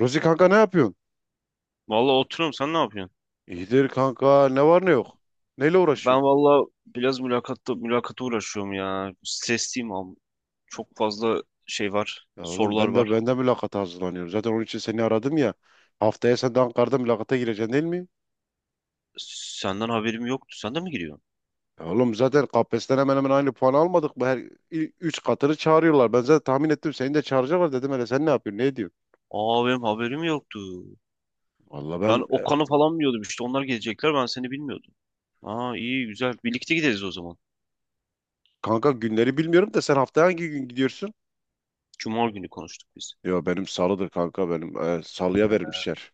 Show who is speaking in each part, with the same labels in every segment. Speaker 1: Rozi kanka ne yapıyorsun?
Speaker 2: Vallahi oturuyorum sen ne yapıyorsun?
Speaker 1: İyidir kanka ne var ne yok. Neyle
Speaker 2: Ben
Speaker 1: uğraşıyorsun?
Speaker 2: vallahi biraz mülakata uğraşıyorum ya. Stresliyim abi. Çok fazla şey var.
Speaker 1: Ya oğlum
Speaker 2: Sorular
Speaker 1: ben de
Speaker 2: var.
Speaker 1: ben de mülakata hazırlanıyorum. Zaten onun için seni aradım ya. Haftaya sen de Ankara'da mülakata gireceksin değil mi?
Speaker 2: Senden haberim yoktu. Sen de mi giriyorsun?
Speaker 1: Ya oğlum zaten KPSS'den hemen hemen aynı puan almadık mı? Her üç katını çağırıyorlar. Ben zaten tahmin ettim seni de çağıracaklar dedim, hele sen ne yapıyorsun ne ediyorsun?
Speaker 2: Aa benim haberim yoktu.
Speaker 1: Valla
Speaker 2: Ben
Speaker 1: ben
Speaker 2: Okan'ı falan biliyordum işte. Onlar gelecekler ben seni bilmiyordum. Aa iyi güzel. Birlikte gideriz o zaman.
Speaker 1: kanka günleri bilmiyorum da sen haftaya hangi gün gidiyorsun?
Speaker 2: Cuma günü konuştuk biz.
Speaker 1: Yo benim salıdır kanka, benim salıya vermişler.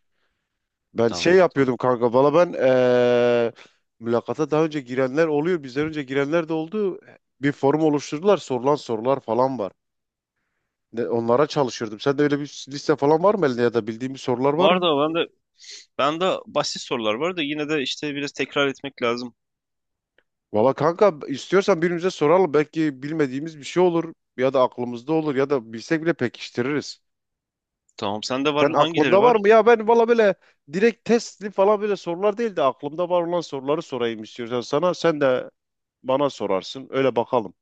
Speaker 1: Ben şey
Speaker 2: Tamam tamam.
Speaker 1: yapıyordum kanka. Valla ben mülakata daha önce girenler oluyor. Bizden önce girenler de oldu. Bir forum oluşturdular. Sorulan sorular falan var. Onlara çalışıyordum. Sen de öyle bir liste falan var mı elinde, ya da bildiğin bir sorular var mı?
Speaker 2: Var da ben de basit sorular var da yine de işte biraz tekrar etmek lazım.
Speaker 1: Valla kanka istiyorsan birbirimize soralım. Belki bilmediğimiz bir şey olur. Ya da aklımızda olur. Ya da bilsek bile pekiştiririz.
Speaker 2: Tamam sende var.
Speaker 1: Sen
Speaker 2: Hangileri
Speaker 1: aklında var
Speaker 2: var?
Speaker 1: mı? Ya ben valla böyle direkt testli falan böyle sorular değil de aklımda var olan soruları sorayım istiyorsan sana. Sen de bana sorarsın. Öyle bakalım.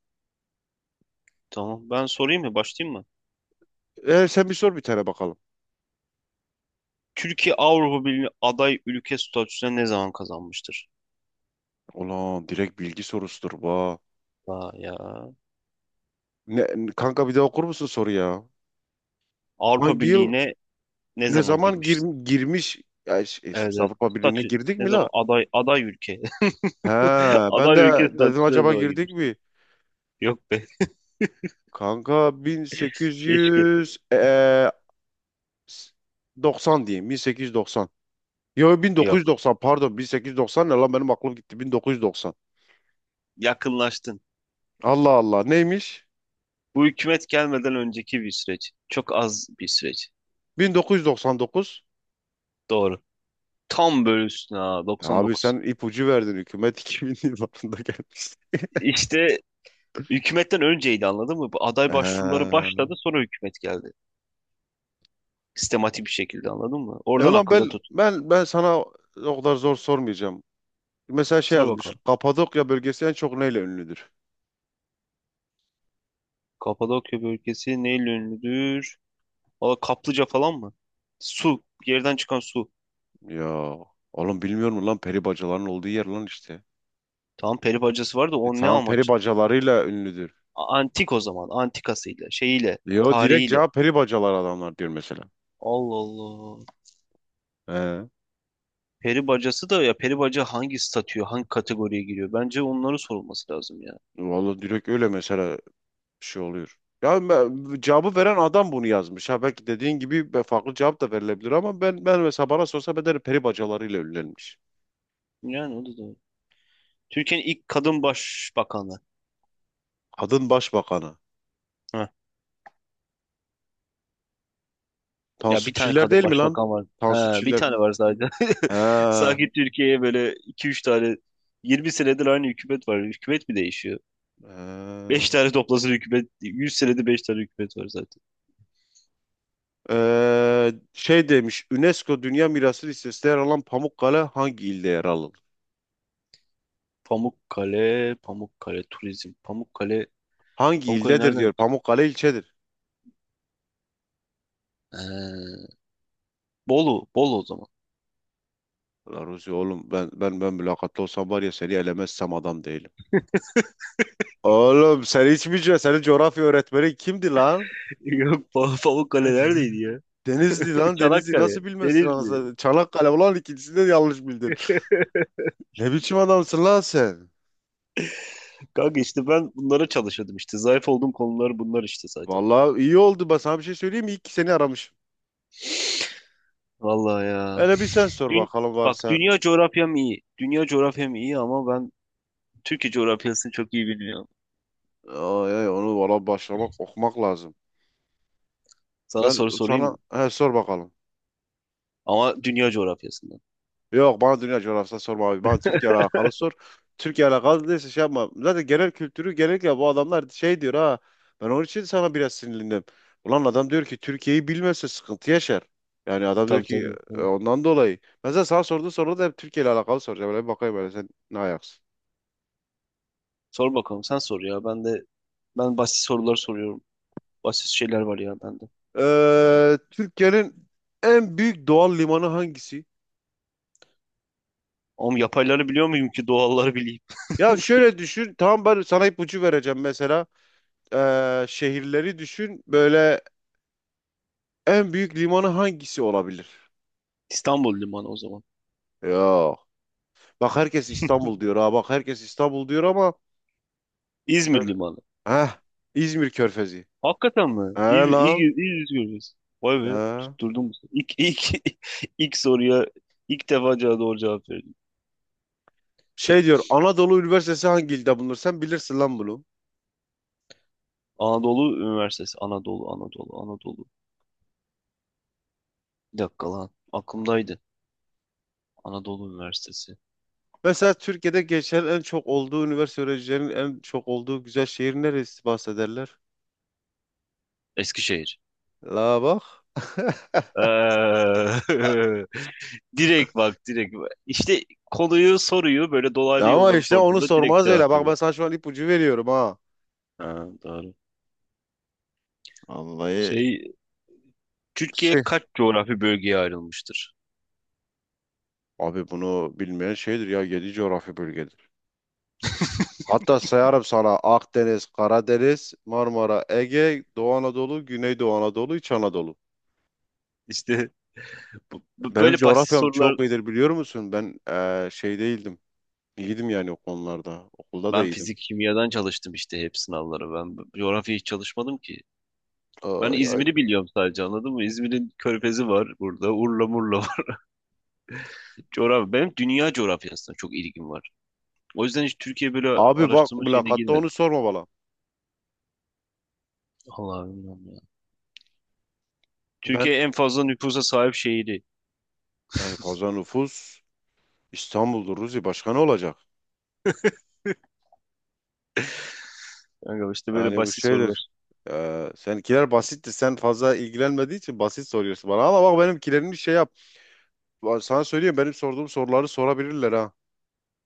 Speaker 2: Tamam ben sorayım mı? Başlayayım mı?
Speaker 1: Sen bir sor bir tane bakalım.
Speaker 2: Türkiye Avrupa Birliği aday ülke statüsüne ne zaman kazanmıştır?
Speaker 1: Ulan direkt bilgi sorusudur bu.
Speaker 2: Aa ya.
Speaker 1: Ne, Kanka bir daha okur musun soru ya?
Speaker 2: Avrupa
Speaker 1: Hangi yıl
Speaker 2: Birliği'ne ne
Speaker 1: ne
Speaker 2: zaman
Speaker 1: zaman
Speaker 2: girmiştir?
Speaker 1: girmiş? Ya,
Speaker 2: Evet,
Speaker 1: biz
Speaker 2: evet.
Speaker 1: Avrupa Birliği'ne
Speaker 2: Statü
Speaker 1: girdik
Speaker 2: ne
Speaker 1: mi
Speaker 2: zaman
Speaker 1: la?
Speaker 2: aday ülke.
Speaker 1: He, ben
Speaker 2: Aday
Speaker 1: de
Speaker 2: ülke
Speaker 1: dedim
Speaker 2: statüsüne ne
Speaker 1: acaba
Speaker 2: zaman
Speaker 1: girdik
Speaker 2: girmiştir?
Speaker 1: mi?
Speaker 2: Yok be.
Speaker 1: Kanka
Speaker 2: Keşke.
Speaker 1: 1800 s- 90 diyeyim, 1890. Yo
Speaker 2: Yok.
Speaker 1: 1990, pardon, 1890 ne lan, benim aklım gitti, 1990.
Speaker 2: Yakınlaştın.
Speaker 1: Allah Allah, neymiş?
Speaker 2: Bu hükümet gelmeden önceki bir süreç. Çok az bir süreç.
Speaker 1: 1999.
Speaker 2: Doğru. Tam böyle üstüne ha,
Speaker 1: Abi
Speaker 2: 99.
Speaker 1: sen ipucu verdin, hükümet 2000 yıllarında gelmiş.
Speaker 2: İşte hükümetten önceydi anladın mı? Bu aday başvuruları
Speaker 1: Ha.
Speaker 2: başladı sonra hükümet geldi sistematik bir şekilde anladın mı?
Speaker 1: E
Speaker 2: Oradan
Speaker 1: ulan ben
Speaker 2: akılda tut.
Speaker 1: ben ben sana o kadar zor sormayacağım. Mesela şey
Speaker 2: Sor
Speaker 1: yazmış.
Speaker 2: bakalım.
Speaker 1: Kapadokya bölgesi en çok neyle ünlüdür?
Speaker 2: Kapadokya bölgesi neyle ünlüdür? Valla kaplıca falan mı? Su. Yerden çıkan su.
Speaker 1: Ya oğlum bilmiyor musun lan, peri bacaların olduğu yer lan işte.
Speaker 2: Tamam peri bacası var da
Speaker 1: E
Speaker 2: o ne
Speaker 1: tamam, peri
Speaker 2: amaç?
Speaker 1: bacalarıyla ünlüdür.
Speaker 2: Antik o zaman. Antikasıyla, şeyiyle,
Speaker 1: Yo, direkt
Speaker 2: tarihiyle.
Speaker 1: cevap peri bacalar adamlar diyor mesela.
Speaker 2: Allah Allah.
Speaker 1: He.
Speaker 2: Peri bacası da ya peri baca hangi statüye, hangi kategoriye giriyor? Bence onları sorulması lazım ya.
Speaker 1: Vallahi direkt öyle mesela bir şey oluyor. Ya cevabı veren adam bunu yazmış. Ha belki dediğin gibi farklı cevap da verilebilir ama ben mesela bana sorsa ben derim peri bacalarıyla ünlenmiş.
Speaker 2: Yani o da doğru. Türkiye'nin ilk kadın başbakanı.
Speaker 1: Kadın başbakanı.
Speaker 2: Heh. Ya
Speaker 1: Tansu
Speaker 2: bir tane
Speaker 1: Çiller
Speaker 2: kadın
Speaker 1: değil mi lan?
Speaker 2: başbakan var.
Speaker 1: Tansu
Speaker 2: He, bir
Speaker 1: Çiller.
Speaker 2: tane var sadece.
Speaker 1: Ha,
Speaker 2: Sanki Türkiye'ye böyle iki üç tane 20 senedir aynı hükümet var. Hükümet mi değişiyor? Beş
Speaker 1: ha.
Speaker 2: tane toplasın hükümet. 100 senedir 5 tane hükümet var zaten.
Speaker 1: Şey demiş, UNESCO Dünya Mirası listesinde yer alan Pamukkale hangi ilde yer alır?
Speaker 2: Pamukkale, Pamukkale Turizm. Pamukkale,
Speaker 1: Hangi
Speaker 2: Pamukkale
Speaker 1: ildedir
Speaker 2: nereden?
Speaker 1: diyor. Pamukkale ilçedir.
Speaker 2: Ee, Bolu, Bolu o zaman.
Speaker 1: Ulan Ruzi oğlum, ben mülakatlı olsam var ya, seni elemezsem adam değilim. Oğlum sen hiç mi senin coğrafya öğretmeni kimdi lan?
Speaker 2: Yok, Pamukkale neredeydi ya?
Speaker 1: Denizli lan, Denizli
Speaker 2: Çanakkale,
Speaker 1: nasıl bilmezsin
Speaker 2: Denizli.
Speaker 1: anasını? Çanakkale ulan, ikincisinde de yanlış bildin. Ne biçim adamsın lan sen?
Speaker 2: Kanka işte ben bunlara çalışıyordum işte. Zayıf olduğum konular bunlar işte zaten.
Speaker 1: Vallahi iyi oldu. Ben sana bir şey söyleyeyim mi? İyi ki seni aramışım.
Speaker 2: Vallahi ya.
Speaker 1: Hele bir sen sor
Speaker 2: Dün,
Speaker 1: bakalım
Speaker 2: bak
Speaker 1: varsa.
Speaker 2: dünya coğrafyam iyi. Dünya coğrafyam iyi ama ben Türkiye coğrafyasını çok iyi bilmiyorum.
Speaker 1: Ay, ay, onu valla başlamak okumak lazım.
Speaker 2: Sana
Speaker 1: Ben
Speaker 2: soru sorayım
Speaker 1: sana
Speaker 2: mı?
Speaker 1: he, sor bakalım.
Speaker 2: Ama dünya coğrafyasından.
Speaker 1: Yok, bana dünya coğrafyası sorma abi. Bana Türkiye ile alakalı sor. Türkiye ile alakalı değilse şey yapma. Zaten genel kültürü genellikle bu adamlar şey diyor ha. Ben onun için sana biraz sinirlendim. Ulan adam diyor ki Türkiye'yi bilmezse sıkıntı yaşar. Yani adam diyor
Speaker 2: Tabii
Speaker 1: ki
Speaker 2: tabii. Tabii.
Speaker 1: ondan dolayı. Mesela sana sorduğu soruda da hep Türkiye ile alakalı soracağım. Böyle bir bakayım böyle sen ne ayaksın.
Speaker 2: Sor bakalım sen sor ya. Ben de ben basit sorular soruyorum. Basit şeyler var ya bende.
Speaker 1: Türkiye'nin en büyük doğal limanı hangisi?
Speaker 2: Ama yapayları biliyor muyum ki doğalları bileyim?
Speaker 1: Ya şöyle düşün. Tamam ben sana ipucu vereceğim mesela. Şehirleri düşün. Böyle en büyük limanı hangisi olabilir?
Speaker 2: İstanbul Limanı o zaman.
Speaker 1: Yok. Bak, herkes İstanbul diyor ha. Bak herkes İstanbul diyor ama
Speaker 2: İzmir
Speaker 1: söyle.
Speaker 2: Limanı.
Speaker 1: Heh, İzmir Körfezi.
Speaker 2: Hakikaten
Speaker 1: He
Speaker 2: mi? İyi,
Speaker 1: lan.
Speaker 2: iyi, iyi izliyoruz. Vay be
Speaker 1: He.
Speaker 2: tutturdum bu sefer. İlk, ilk, ilk soruya ilk defa doğru cevap verdim.
Speaker 1: Şey diyor, Anadolu Üniversitesi hangi ilde bulunur? Sen bilirsin lan bunu.
Speaker 2: Anadolu Üniversitesi. Anadolu, Anadolu, Anadolu. Bir dakika lan. Aklımdaydı. Anadolu Üniversitesi.
Speaker 1: Mesela Türkiye'de geçen en çok olduğu üniversite, öğrencilerinin en çok olduğu güzel şehir neresi bahsederler?
Speaker 2: Eskişehir.
Speaker 1: La bak.
Speaker 2: Eee, direkt bak direkt. Bak. İşte konuyu soruyu böyle dolaylı
Speaker 1: Ama
Speaker 2: yoldan
Speaker 1: işte onu
Speaker 2: sorduğunda direkt
Speaker 1: sormaz öyle.
Speaker 2: cevap
Speaker 1: Bak ben
Speaker 2: veriyor.
Speaker 1: sana şu an ipucu veriyorum ha.
Speaker 2: Ha, doğru.
Speaker 1: Vallahi
Speaker 2: Şey,
Speaker 1: şey.
Speaker 2: Türkiye kaç coğrafi bölgeye ayrılmıştır?
Speaker 1: Abi bunu bilmeyen şeydir ya. 7 coğrafi bölgedir. Hatta sayarım sana: Akdeniz, Karadeniz, Marmara, Ege, Doğu Anadolu, Güneydoğu Anadolu, İç Anadolu.
Speaker 2: İşte
Speaker 1: Benim
Speaker 2: böyle basit
Speaker 1: coğrafyam
Speaker 2: sorular,
Speaker 1: çok iyidir biliyor musun? Ben şey değildim. İyiydim yani o konularda. Okulda da
Speaker 2: ben
Speaker 1: iyiydim.
Speaker 2: fizik kimyadan çalıştım işte hep sınavları. Ben coğrafya hiç çalışmadım ki. Ben
Speaker 1: Ay, ay.
Speaker 2: İzmir'i biliyorum sadece anladın mı? İzmir'in körfezi var burada. Urla murla var. Coğrafya. Benim dünya coğrafyasına çok ilgim var. O yüzden hiç Türkiye böyle
Speaker 1: Abi bak,
Speaker 2: araştırma şeyine
Speaker 1: mülakatta
Speaker 2: girmedim.
Speaker 1: onu sorma bana.
Speaker 2: Allah bilmiyorum,
Speaker 1: Ben
Speaker 2: Türkiye en fazla nüfusa sahip şehri.
Speaker 1: en fazla nüfus İstanbul'dur Ruzi. Başka ne olacak?
Speaker 2: Kanka işte böyle
Speaker 1: Yani bu
Speaker 2: basit
Speaker 1: şeydir.
Speaker 2: sorular.
Speaker 1: Seninkiler basittir. Sen fazla ilgilenmediği için basit soruyorsun bana. Ama bak benimkilerini şey yap. Sana söyleyeyim, benim sorduğum soruları sorabilirler ha.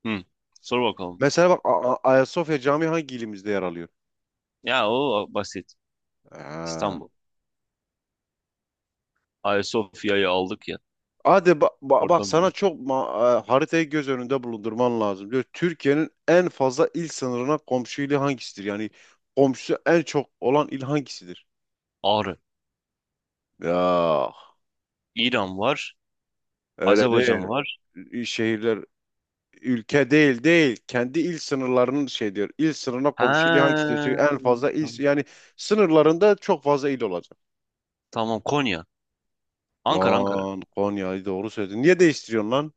Speaker 2: Hı. Sor bakalım.
Speaker 1: Mesela bak, Ayasofya Camii hangi ilimizde yer alıyor?
Speaker 2: Ya o basit.
Speaker 1: Ha.
Speaker 2: İstanbul. Ayasofya'yı aldık ya.
Speaker 1: Hadi bak,
Speaker 2: Oradan
Speaker 1: sana
Speaker 2: böyle.
Speaker 1: çok haritayı göz önünde bulundurman lazım. Diyor Türkiye'nin en fazla il sınırına komşu ili hangisidir? Yani komşusu en çok olan il hangisidir?
Speaker 2: Ağrı.
Speaker 1: Ya
Speaker 2: İran var.
Speaker 1: öyle değil.
Speaker 2: Azerbaycan var.
Speaker 1: Şehirler ülke değil. Kendi il sınırlarının şey diyor. İl sınırına
Speaker 2: He.
Speaker 1: komşu ili hangisidir? Çünkü en fazla il,
Speaker 2: Tamam.
Speaker 1: yani sınırlarında çok fazla il olacak.
Speaker 2: Tamam, Konya. Ankara.
Speaker 1: Ulan Konya'yı doğru söyledin. Niye değiştiriyorsun lan?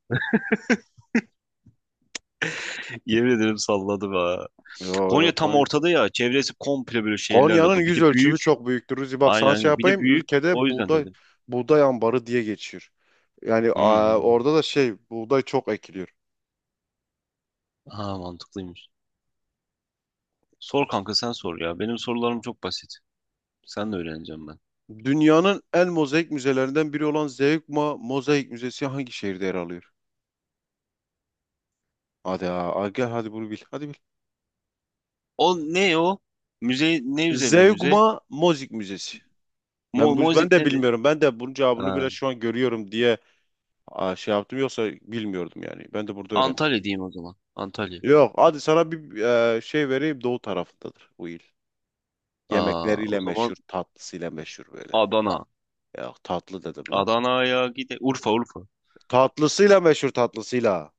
Speaker 2: Yemin ederim salladı be.
Speaker 1: Yok.
Speaker 2: Konya tam ortada ya. Çevresi komple böyle şehirlerle
Speaker 1: Konya'nın
Speaker 2: dolu. Bir de
Speaker 1: yüz ölçümü
Speaker 2: büyük.
Speaker 1: çok büyüktür. Ruzi bak,
Speaker 2: Aynen
Speaker 1: sana şey
Speaker 2: aynen. Bir de
Speaker 1: yapayım.
Speaker 2: büyük. O
Speaker 1: Ülkede
Speaker 2: yüzden dedim.
Speaker 1: buğday ambarı diye geçiyor. Yani a,
Speaker 2: Hmm.
Speaker 1: orada da şey, buğday çok ekiliyor.
Speaker 2: Ha, mantıklıymış. Sor kanka sen sor ya. Benim sorularım çok basit. Sen de öğreneceğim ben.
Speaker 1: Dünyanın en mozaik müzelerinden biri olan Zeugma Mozaik Müzesi hangi şehirde yer alıyor? Hadi gel hadi bunu bil. Hadi bil.
Speaker 2: O ne o? Müze ne üzerine müze?
Speaker 1: Zeugma Mozaik Müzesi.
Speaker 2: Mo
Speaker 1: Ben bu
Speaker 2: Mozik
Speaker 1: ben de
Speaker 2: nedir?
Speaker 1: bilmiyorum. Ben de bunun cevabını
Speaker 2: Ha,
Speaker 1: bile şu an görüyorum diye a, şey yaptım, yoksa bilmiyordum yani. Ben de burada öğrendim.
Speaker 2: Antalya diyeyim o zaman. Antalya.
Speaker 1: Yok, hadi sana bir şey vereyim, doğu tarafındadır bu il.
Speaker 2: Aa,
Speaker 1: Yemekleriyle
Speaker 2: o zaman
Speaker 1: meşhur, tatlısıyla meşhur böyle.
Speaker 2: Adana.
Speaker 1: Ya tatlı dedim lan.
Speaker 2: Adana'ya gide. Urfa Urfa.
Speaker 1: Tatlısıyla meşhur, tatlısıyla.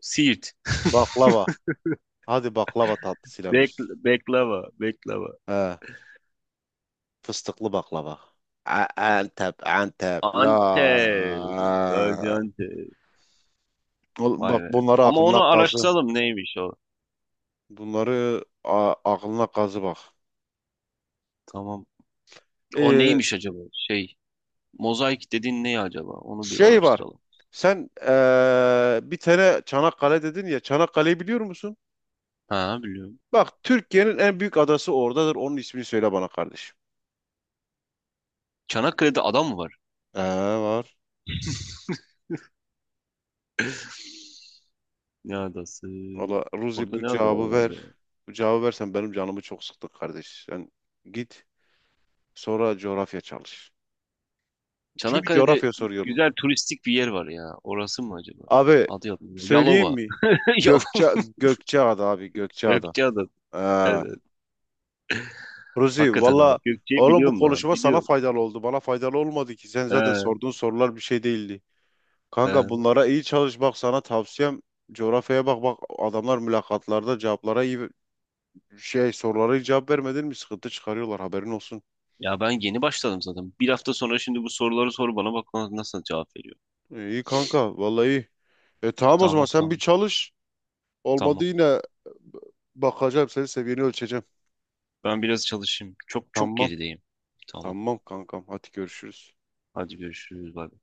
Speaker 2: Siirt.
Speaker 1: Baklava. Hadi baklava, tatlısıyla
Speaker 2: Bek
Speaker 1: meşhur.
Speaker 2: Beklava. Beklava.
Speaker 1: He, fıstıklı baklava. Antep, Antep. La.
Speaker 2: Antep. Gaziantep.
Speaker 1: Oğlum
Speaker 2: Vay
Speaker 1: bak,
Speaker 2: be.
Speaker 1: bunları
Speaker 2: Ama
Speaker 1: aklına
Speaker 2: onu
Speaker 1: kazı.
Speaker 2: araştıralım neymiş o.
Speaker 1: Bunları aklına kazı bak.
Speaker 2: Tamam. O
Speaker 1: Ee,
Speaker 2: neymiş acaba? Şey. Mozaik dediğin ne acaba? Onu bir
Speaker 1: şey var.
Speaker 2: araştıralım.
Speaker 1: Sen bir tane Çanakkale dedin ya. Çanakkale'yi biliyor musun?
Speaker 2: Ha, biliyorum.
Speaker 1: Bak, Türkiye'nin en büyük adası oradadır. Onun ismini söyle bana kardeşim.
Speaker 2: Çanakkale'de ada mı var?
Speaker 1: Ee, var.
Speaker 2: Ne adası?
Speaker 1: Valla Ruzi,
Speaker 2: Orada
Speaker 1: bu
Speaker 2: ne adalar
Speaker 1: cevabı
Speaker 2: var ya?
Speaker 1: ver. Bu cevabı versen, benim canımı çok sıktı kardeş. Sen git sonra coğrafya çalış. Çünkü
Speaker 2: Çanakkale'de
Speaker 1: coğrafya soruyor bu.
Speaker 2: güzel turistik bir yer var ya. Orası mı acaba?
Speaker 1: Abi
Speaker 2: Adı yok.
Speaker 1: söyleyeyim
Speaker 2: Yalova.
Speaker 1: mi?
Speaker 2: Yalova.
Speaker 1: Gökçeada abi, Gökçeada.
Speaker 2: Gökçeada.
Speaker 1: Ee,
Speaker 2: Evet. Evet.
Speaker 1: Ruzi
Speaker 2: Hakikaten
Speaker 1: valla
Speaker 2: abi. Gökçe'yi
Speaker 1: oğlum, bu
Speaker 2: biliyorum lan.
Speaker 1: konuşma sana
Speaker 2: Biliyorum.
Speaker 1: faydalı oldu. Bana faydalı olmadı ki. Sen zaten
Speaker 2: He,
Speaker 1: sorduğun sorular bir şey değildi. Kanka
Speaker 2: he.
Speaker 1: bunlara iyi çalış, bak sana tavsiyem coğrafyaya bak, bak adamlar mülakatlarda cevaplara iyi, şey sorulara hiç cevap vermedin mi? Sıkıntı çıkarıyorlar, haberin olsun.
Speaker 2: Ya ben yeni başladım zaten. Bir hafta sonra şimdi bu soruları sor bana, bak ona nasıl cevap veriyor.
Speaker 1: İyi kanka vallahi iyi. E tamam o zaman,
Speaker 2: Tamam
Speaker 1: sen bir
Speaker 2: tamam.
Speaker 1: çalış. Olmadı
Speaker 2: Tamam.
Speaker 1: yine bakacağım, senin seviyeni ölçeceğim.
Speaker 2: Ben biraz çalışayım. Çok çok
Speaker 1: Tamam
Speaker 2: gerideyim. Tamam.
Speaker 1: tamam kankam, hadi görüşürüz.
Speaker 2: Hadi görüşürüz. Bay bay.